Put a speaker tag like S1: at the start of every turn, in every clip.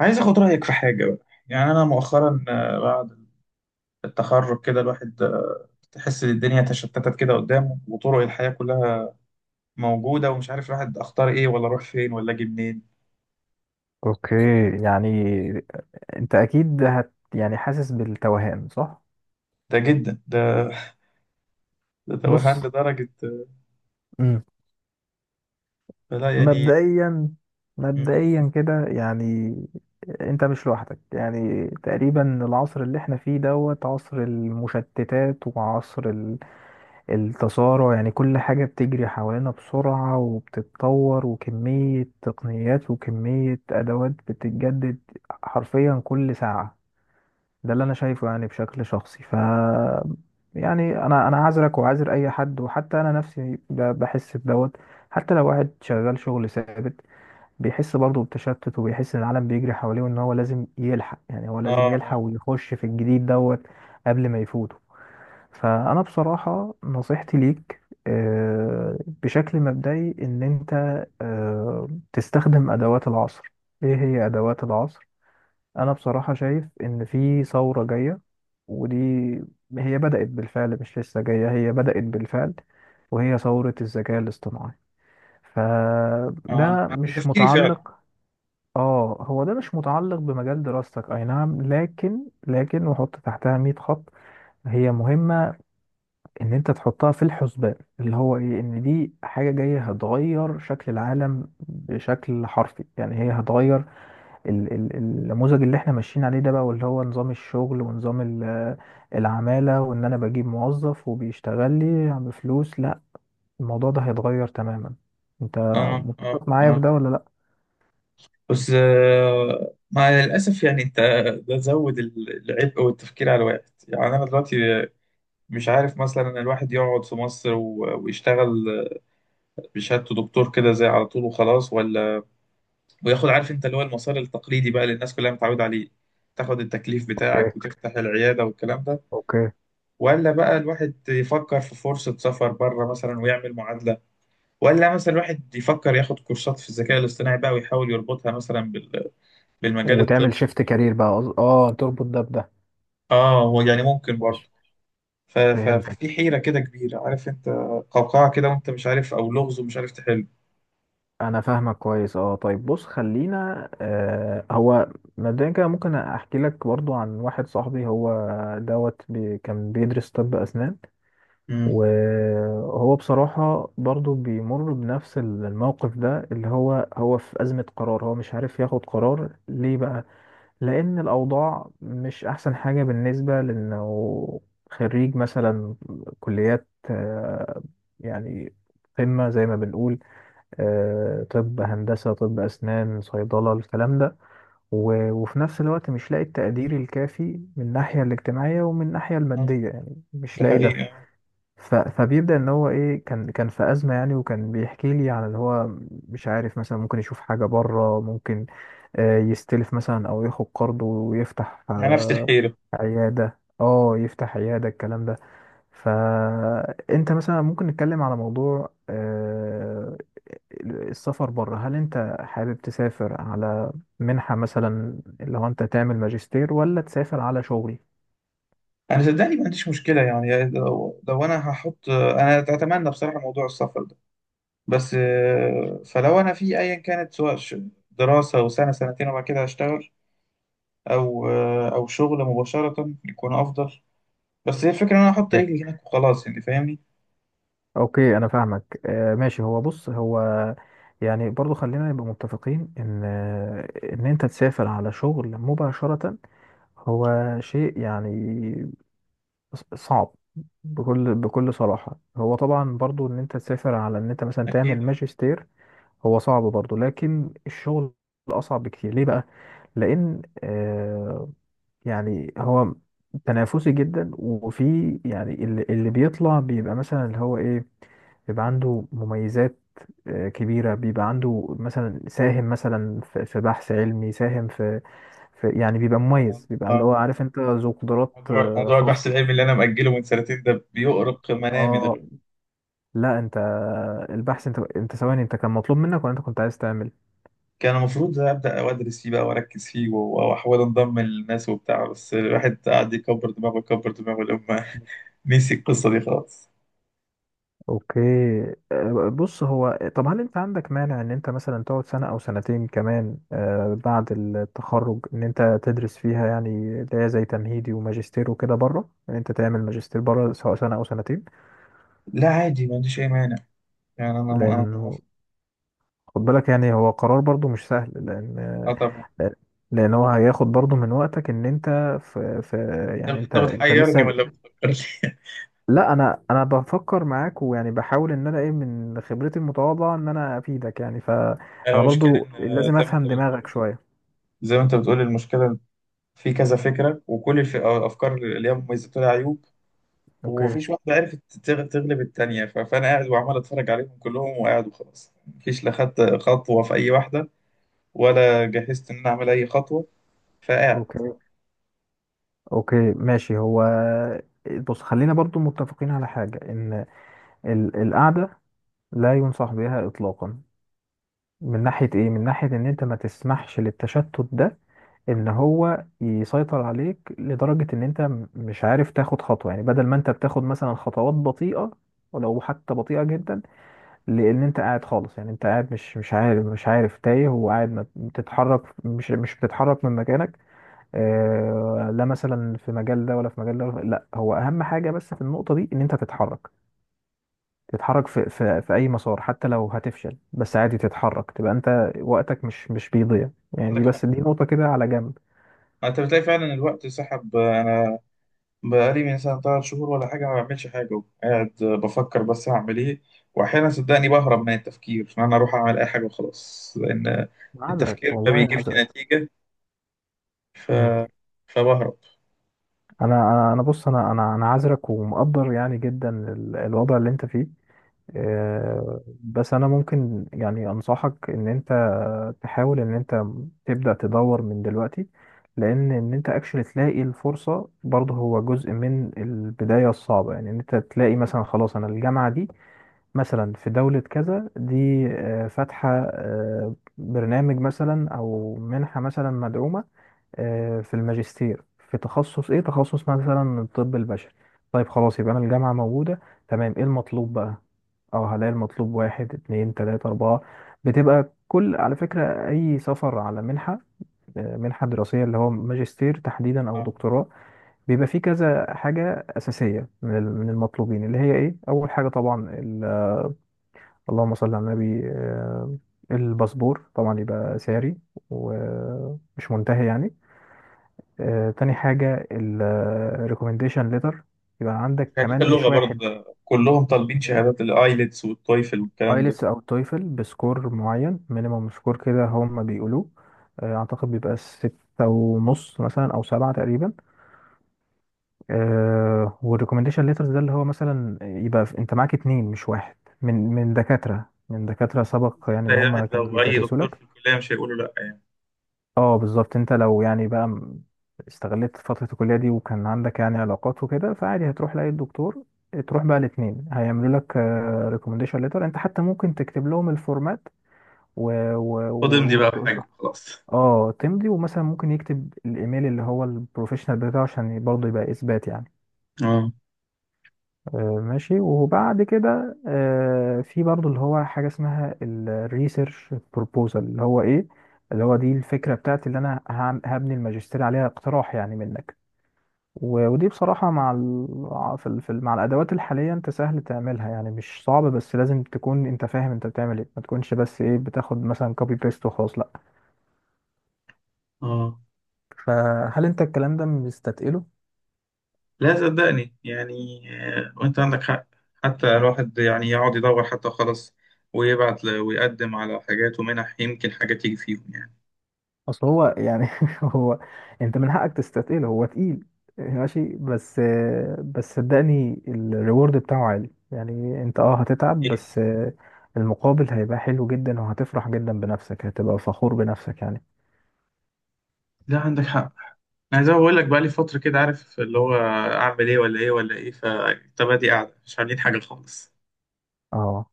S1: عايز اخد رايك في حاجه بقى. يعني انا مؤخرا، بعد التخرج كده الواحد تحس ان الدنيا تشتتت كده قدامه، وطرق الحياه كلها موجوده، ومش عارف الواحد اختار ايه، ولا اروح فين، ولا اجي منين.
S2: اوكي. يعني انت اكيد هت يعني حاسس بالتوهان، صح؟
S1: ده جدا ده. ده توهان
S2: بص.
S1: لدرجه،
S2: مم.
S1: فلا يعني.
S2: مبدئيا
S1: مم.
S2: مبدئيا كده، يعني انت مش لوحدك. يعني تقريبا العصر اللي احنا فيه دوت عصر المشتتات وعصر التسارع، يعني كل حاجة بتجري حوالينا بسرعة وبتتطور، وكمية تقنيات وكمية ادوات بتتجدد حرفيا كل ساعة. ده اللي انا شايفه يعني بشكل شخصي. يعني انا عذرك وعذر اي حد، وحتى انا نفسي بحس بدوت. حتى لو واحد شغال شغل ثابت، بيحس برضه بتشتت، وبيحس ان العالم بيجري حواليه، وان هو لازم يلحق، يعني هو لازم يلحق
S1: اه،
S2: ويخش في الجديد دوت قبل ما يفوته. فانا بصراحة نصيحتي ليك بشكل مبدئي ان انت تستخدم ادوات العصر. ايه هي ادوات العصر؟ انا بصراحة شايف ان في ثورة جاية، ودي هي بدأت بالفعل، مش لسه جاية، هي بدأت بالفعل، وهي ثورة الذكاء الاصطناعي.
S1: اه،
S2: فده
S1: اه، ده
S2: مش
S1: تفكيري فعلا.
S2: متعلق، اه هو ده مش متعلق بمجال دراستك، اي نعم، لكن وحط تحتها 100 خط، هي مهمة ان انت تحطها في الحسبان، اللي هو ايه، ان دي حاجة جاية هتغير شكل العالم بشكل حرفي. يعني هي هتغير النموذج اللي احنا ماشيين عليه ده بقى، واللي هو نظام الشغل ونظام العمالة، وان انا بجيب موظف وبيشتغل لي بفلوس، لا، الموضوع ده هيتغير تماما. انت
S1: اه، اه،
S2: متفق معايا في ده
S1: اه،
S2: ولا لا؟
S1: بس مع الاسف يعني انت، ده زود العبء والتفكير على الواحد. يعني انا دلوقتي مش عارف مثلا الواحد يقعد في مصر ويشتغل بشهادته دكتور كده زي على طول وخلاص، ولا وياخد عارف انت، اللي هو المسار التقليدي بقى، اللي الناس كلها متعودة عليه، تاخد التكليف
S2: اوكي،
S1: بتاعك وتفتح العيادة والكلام ده.
S2: اوكي.
S1: ولا بقى الواحد يفكر في فرصة سفر بره مثلا ويعمل معادلة، ولا مثلا الواحد يفكر ياخد كورسات في الذكاء الاصطناعي بقى ويحاول يربطها مثلا بالمجال الطبي.
S2: وتعمل شيفت كارير بقى، تربط ده بده.
S1: اه هو يعني ممكن برضه.
S2: ماشي،
S1: ففي
S2: فهمتك.
S1: حيرة كده كبيرة، عارف انت. قوقعة كده وانت مش عارف، او لغز ومش عارف تحل.
S2: انا فاهمك كويس، اه. طيب بص، خلينا هو مبدئيا كده ممكن احكي لك برضو عن واحد صاحبي، هو دوت بي، كان بيدرس طب اسنان.
S1: امم
S2: وهو بصراحة برضو بيمر بنفس الموقف ده، اللي هو في أزمة قرار، هو مش عارف ياخد قرار ليه بقى، لأن الأوضاع مش أحسن حاجة بالنسبة لأنه خريج مثلا كليات يعني قمة، زي ما بنقول، طب، هندسة، طب أسنان، صيدلة، الكلام ده، وفي نفس الوقت مش لاقي التقدير الكافي من الناحية الاجتماعية ومن الناحية المادية، يعني مش
S1: ده
S2: لاقي ده.
S1: حقيقي.
S2: فبيبدأ ان هو ايه، كان في أزمة، يعني، وكان بيحكي لي عن اللي هو مش عارف. مثلا ممكن يشوف حاجة بره، ممكن يستلف مثلا او ياخد قرض ويفتح
S1: يعني نفس الحيرة.
S2: عيادة، يفتح عيادة، الكلام ده. فانت مثلا ممكن نتكلم على موضوع السفر بره. هل انت حابب تسافر على منحة مثلا، اللي هو انت تعمل ماجستير، ولا تسافر على شغل؟
S1: انا صدقني ما عنديش مشكله يعني. لو انا هحط، انا اتمنى بصراحه موضوع السفر ده. بس فلو انا في ايا كانت، سواء دراسه وسنه سنتين وبعد كده هشتغل، او شغل مباشره، يكون افضل. بس هي الفكره ان انا احط رجلي هناك وخلاص، يعني فاهمني.
S2: اوكي، انا فاهمك، آه، ماشي. هو بص، هو يعني برضو خلينا نبقى متفقين ان انت تسافر على شغل مباشرة، هو شيء يعني صعب، بكل صراحة. هو طبعا برضو ان انت تسافر على ان انت مثلا
S1: اكيد
S2: تعمل
S1: آه،
S2: ماجستير، هو صعب برضو، لكن الشغل اصعب بكتير. ليه بقى؟ لان يعني هو تنافسي جدا، وفي، يعني، اللي بيطلع بيبقى مثلا اللي هو ايه، بيبقى عنده مميزات كبيرة، بيبقى عنده مثلا ساهم مثلا في بحث علمي، ساهم في، يعني بيبقى مميز، بيبقى اللي
S1: آه.
S2: هو عارف انت ذو قدرات
S1: موضوع موضوع البحث
S2: خاصة.
S1: العلمي اللي انا مأجله من سنتين ده بيؤرق منامي
S2: اه
S1: دلوقتي.
S2: لا، انت البحث، انت ثواني، انت كان مطلوب منك ولا انت كنت عايز تعمل؟
S1: كان المفروض ابدا ادرس فيه بقى واركز فيه واحاول انضم للناس وبتاع، بس الواحد قاعد يكبر دماغه يكبر دماغه، نسي القصة دي خالص.
S2: اوكي، بص، هو طب هل انت عندك مانع ان انت مثلا تقعد سنة او سنتين كمان بعد التخرج ان انت تدرس فيها، يعني اللي هي زي تمهيدي وماجستير وكده، بره، ان انت تعمل ماجستير بره، سواء سنة او سنتين.
S1: لا عادي، ما عنديش أي مانع. يعني أنا
S2: لانه
S1: موافق.
S2: خد بالك، يعني هو قرار برضو مش سهل، لان
S1: أه طبعا.
S2: آه، لان هو هياخد برضو من وقتك، ان انت في، يعني
S1: أنت
S2: انت
S1: أنت
S2: انت
S1: بتحيرني
S2: لسه.
S1: ولا بتفكر لي؟
S2: لا، انا بفكر معاك، ويعني بحاول ان انا ايه من خبرتي المتواضعه ان انا افيدك، يعني فانا
S1: المشكلة
S2: برضو
S1: إن
S2: لازم
S1: زي ما أنت
S2: افهم دماغك
S1: بتقول،
S2: شويه.
S1: المشكلة في كذا فكرة، وكل الأفكار اللي هي مميزات ولها عيوب.
S2: اوكي،
S1: ومفيش واحدة عرفت تغلب التانية، فأنا قاعد وعمال أتفرج عليهم كلهم، وقاعد وخلاص مفيش، لا خدت خطوة في أي واحدة، ولا جهزت إن أنا أعمل أي خطوة. فقاعد.
S2: اوكي، اوكي. ماشي، هو بص، خلينا برضو متفقين على حاجه، ان القعده لا ينصح بها اطلاقا، من ناحيه ايه، من ناحيه ان انت ما تسمحش للتشتت ده ان هو يسيطر عليك لدرجه ان انت مش عارف تاخد خطوه. يعني بدل ما انت بتاخد مثلا خطوات بطيئه، ولو حتى بطيئه جدا، لان انت قاعد خالص، يعني انت قاعد مش عارف تايه، وقاعد ما بتتحرك، مش بتتحرك من مكانك، آه، لا مثلا في مجال ده، ولا في مجال ده، ولا لا، هو اهم حاجه بس في النقطه دي ان انت تتحرك، تتحرك في في في اي مسار، حتى لو هتفشل، بس عادي تتحرك، تبقى انت وقتك مش بيضيع، يعني دي
S1: عندك حق.
S2: بس، دي نقطه كده على جنب.
S1: انت بتلاقي فعلا الوقت سحب. انا بقالي من سنة 3 شهور ولا حاجة ما بعملش حاجة، قاعد بفكر بس هعمل إيه. وأحيانا صدقني بهرب من التفكير، إن أنا أروح أعمل أي حاجة وخلاص، لأن
S2: عذرك
S1: التفكير ما
S2: والله،
S1: بيجيبش
S2: عذرك.
S1: نتيجة. ف...
S2: مم.
S1: فبهرب.
S2: انا انا أنا بص، انا عذرك، ومقدر يعني جدا الوضع اللي انت فيه. بس انا ممكن يعني انصحك ان انت تحاول ان انت تبدأ تدور من دلوقتي، لان ان انت اكشلي تلاقي الفرصة برضه هو جزء من البداية الصعبة. يعني ان انت تلاقي مثلا، خلاص، انا الجامعة دي مثلا في دولة كذا، دي فاتحة برنامج مثلا او منحة مثلا مدعومة في الماجستير، في تخصص ايه، تخصص مثلا الطب البشري. طيب خلاص، يبقى انا الجامعة موجودة، تمام. ايه المطلوب بقى، او هلاقي المطلوب واحد، اتنين، تلاتة، اربعة. بتبقى كل، على فكرة، اي سفر على منحة، منحة دراسية، اللي هو ماجستير تحديدا او
S1: آه.
S2: دكتوراه، بيبقى فيه كذا حاجة اساسية من من المطلوبين، اللي هي ايه. اول حاجة طبعا اللهم صل على النبي، الباسبور طبعا يبقى ساري ومش منتهي، يعني. تاني حاجة الريكومنديشن ليتر، يبقى عندك
S1: شهادات
S2: كمان
S1: اللغة
S2: مش
S1: برضه
S2: واحد،
S1: ده كلهم طالبين
S2: اتنين.
S1: شهادات الآيلتس والتويفل والكلام ده.
S2: ايلتس او تويفل بسكور معين، مينيمم سكور كده هم بيقولوه، اعتقد بيبقى ستة ونص مثلا او سبعة تقريبا. والريكومنديشن ليترز ده اللي هو مثلا يبقى، انت معاك اتنين مش واحد، من دكاترة سبق يعني ان
S1: سهلة،
S2: هم
S1: قاعد
S2: كانوا
S1: لو أي
S2: بيدرسوا
S1: دكتور
S2: لك.
S1: في الكلية مش هيقولوا لأ يعني.
S2: اه بالظبط، انت لو يعني بقى استغلت فترة الكلية دي، وكان عندك يعني علاقات وكده، فعادي هتروح لأي دكتور، تروح بقى الاتنين هيعملوا لك ريكومنديشن ليتر. انت حتى ممكن تكتب لهم الفورمات، و...
S1: خد امضي بقى
S2: وتقول له،
S1: بحاجة خلاص.
S2: اه، تمضي. ومثلا ممكن يكتب الايميل اللي هو البروفيشنال بتاعه، عشان برضه يبقى اثبات، يعني.
S1: اه،
S2: آه، ماشي. وبعد كده في برضو اللي هو حاجة اسمها الريسيرش بروبوزال، اللي هو ايه، اللي هو دي الفكرة بتاعتي اللي انا هبني الماجستير عليها، اقتراح يعني منك. ودي بصراحة مع ال... في ال... في ال- مع الأدوات الحالية، انت سهل تعملها، يعني مش صعب، بس لازم تكون انت فاهم انت بتعمل ايه، ما تكونش بس ايه بتاخد مثلا كوبي بيست وخلاص، لا.
S1: اه،
S2: فهل انت الكلام ده مستتقله؟
S1: لا صدقني يعني. آه، وانت عندك حق. حتى الواحد يعني يقعد يدور، حتى خلاص، ويبعت ويقدم على حاجات ومنح، يمكن حاجة تيجي فيهم يعني.
S2: اصل هو يعني هو، انت من حقك تستثقله، هو تقيل، ماشي. بس، بس صدقني الريورد بتاعه عالي، يعني انت اه هتتعب
S1: إيه؟
S2: بس المقابل هيبقى حلو جدا، وهتفرح جدا بنفسك، هتبقى فخور بنفسك، يعني.
S1: لا، عندك حق. انا زي ما بقول لك بقى، لي فترة كده عارف اللي هو، اعمل ايه ولا ايه ولا ايه، فطب ادي قاعدة مش عاملين حاجة خالص.
S2: اه،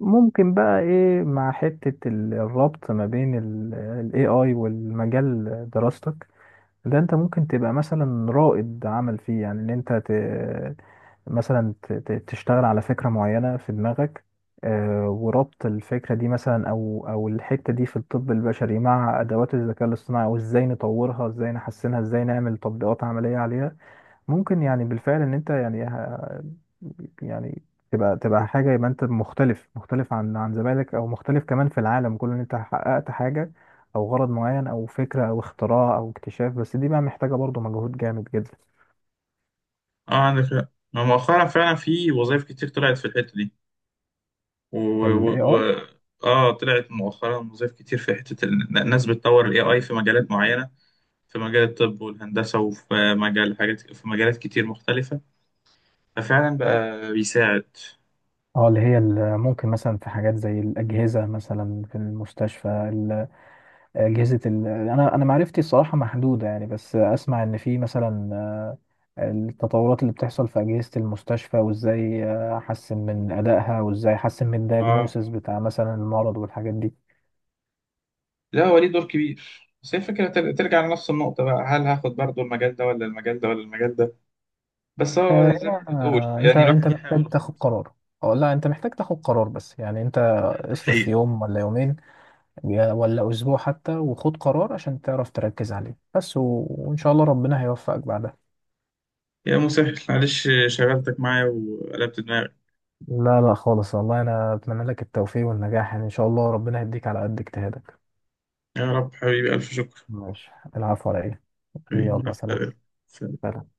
S2: ممكن بقى ايه، مع حتة الربط ما بين ال AI والمجال دراستك ده، انت ممكن تبقى مثلا رائد عمل فيه، يعني ان انت مثلا تشتغل على فكرة معينة في دماغك، وربط الفكرة دي مثلا، او او الحتة دي في الطب البشري، مع ادوات الذكاء الاصطناعي، وازاي نطورها، ازاي نحسنها، ازاي نعمل تطبيقات عملية عليها. ممكن يعني بالفعل ان انت يعني يعني تبقى حاجه، يبقى انت مختلف عن زمايلك، او مختلف كمان في العالم كله، ان انت حققت حاجه او غرض معين او فكره او اختراع او اكتشاف، بس دي بقى محتاجه برضو مجهود جامد جدا.
S1: اه عندك حق. ما مؤخرا فعلا في وظائف كتير طلعت في الحتة دي، و...
S2: ال
S1: و...
S2: AI.
S1: و... اه طلعت مؤخرا وظائف كتير في حتة الناس بتطور الAI في مجالات معينة، في مجال الطب والهندسة، وفي مجال حاجات، في مجالات كتير مختلفة. ففعلا بقى بيساعد.
S2: اه، اللي هي ممكن مثلا في حاجات زي الأجهزة مثلا في المستشفى، أجهزة أنا معرفتي الصراحة محدودة، يعني، بس أسمع إن في مثلا التطورات اللي بتحصل في أجهزة المستشفى، وإزاي أحسن من أدائها، وإزاي أحسن من
S1: اه،
S2: الدياجنوسيس بتاع مثلا المرض والحاجات دي.
S1: لا هو ليه دور كبير، بس هي الفكرة ترجع لنفس النقطة بقى. هل هاخد برضو المجال ده، ولا المجال ده، ولا المجال ده؟ بس
S2: آه،
S1: هو زي ما
S2: هنا
S1: انت بتقول،
S2: آه، أنت
S1: يعني
S2: أنت
S1: الواحد
S2: محتاج
S1: يحاول
S2: تاخد
S1: وخلاص.
S2: قرار، أو لا أنت محتاج تاخد قرار، بس يعني أنت
S1: ده
S2: اصرف في
S1: حقيقي.
S2: يوم ولا يومين، ولا أسبوع حتى، وخد قرار عشان تعرف تركز عليه بس. وإن شاء الله ربنا هيوفقك بعدها.
S1: يا مسهل، معلش شغلتك معايا وقلبت دماغي.
S2: لا لا، خالص، والله أنا أتمنى لك التوفيق والنجاح، يعني إن شاء الله ربنا يديك على قد اجتهادك.
S1: يا رب، حبيبي ألف شكر.
S2: ماشي، العفو على إيه.
S1: حبيبي، مع
S2: يلا سلام،
S1: السلامة.
S2: سلام.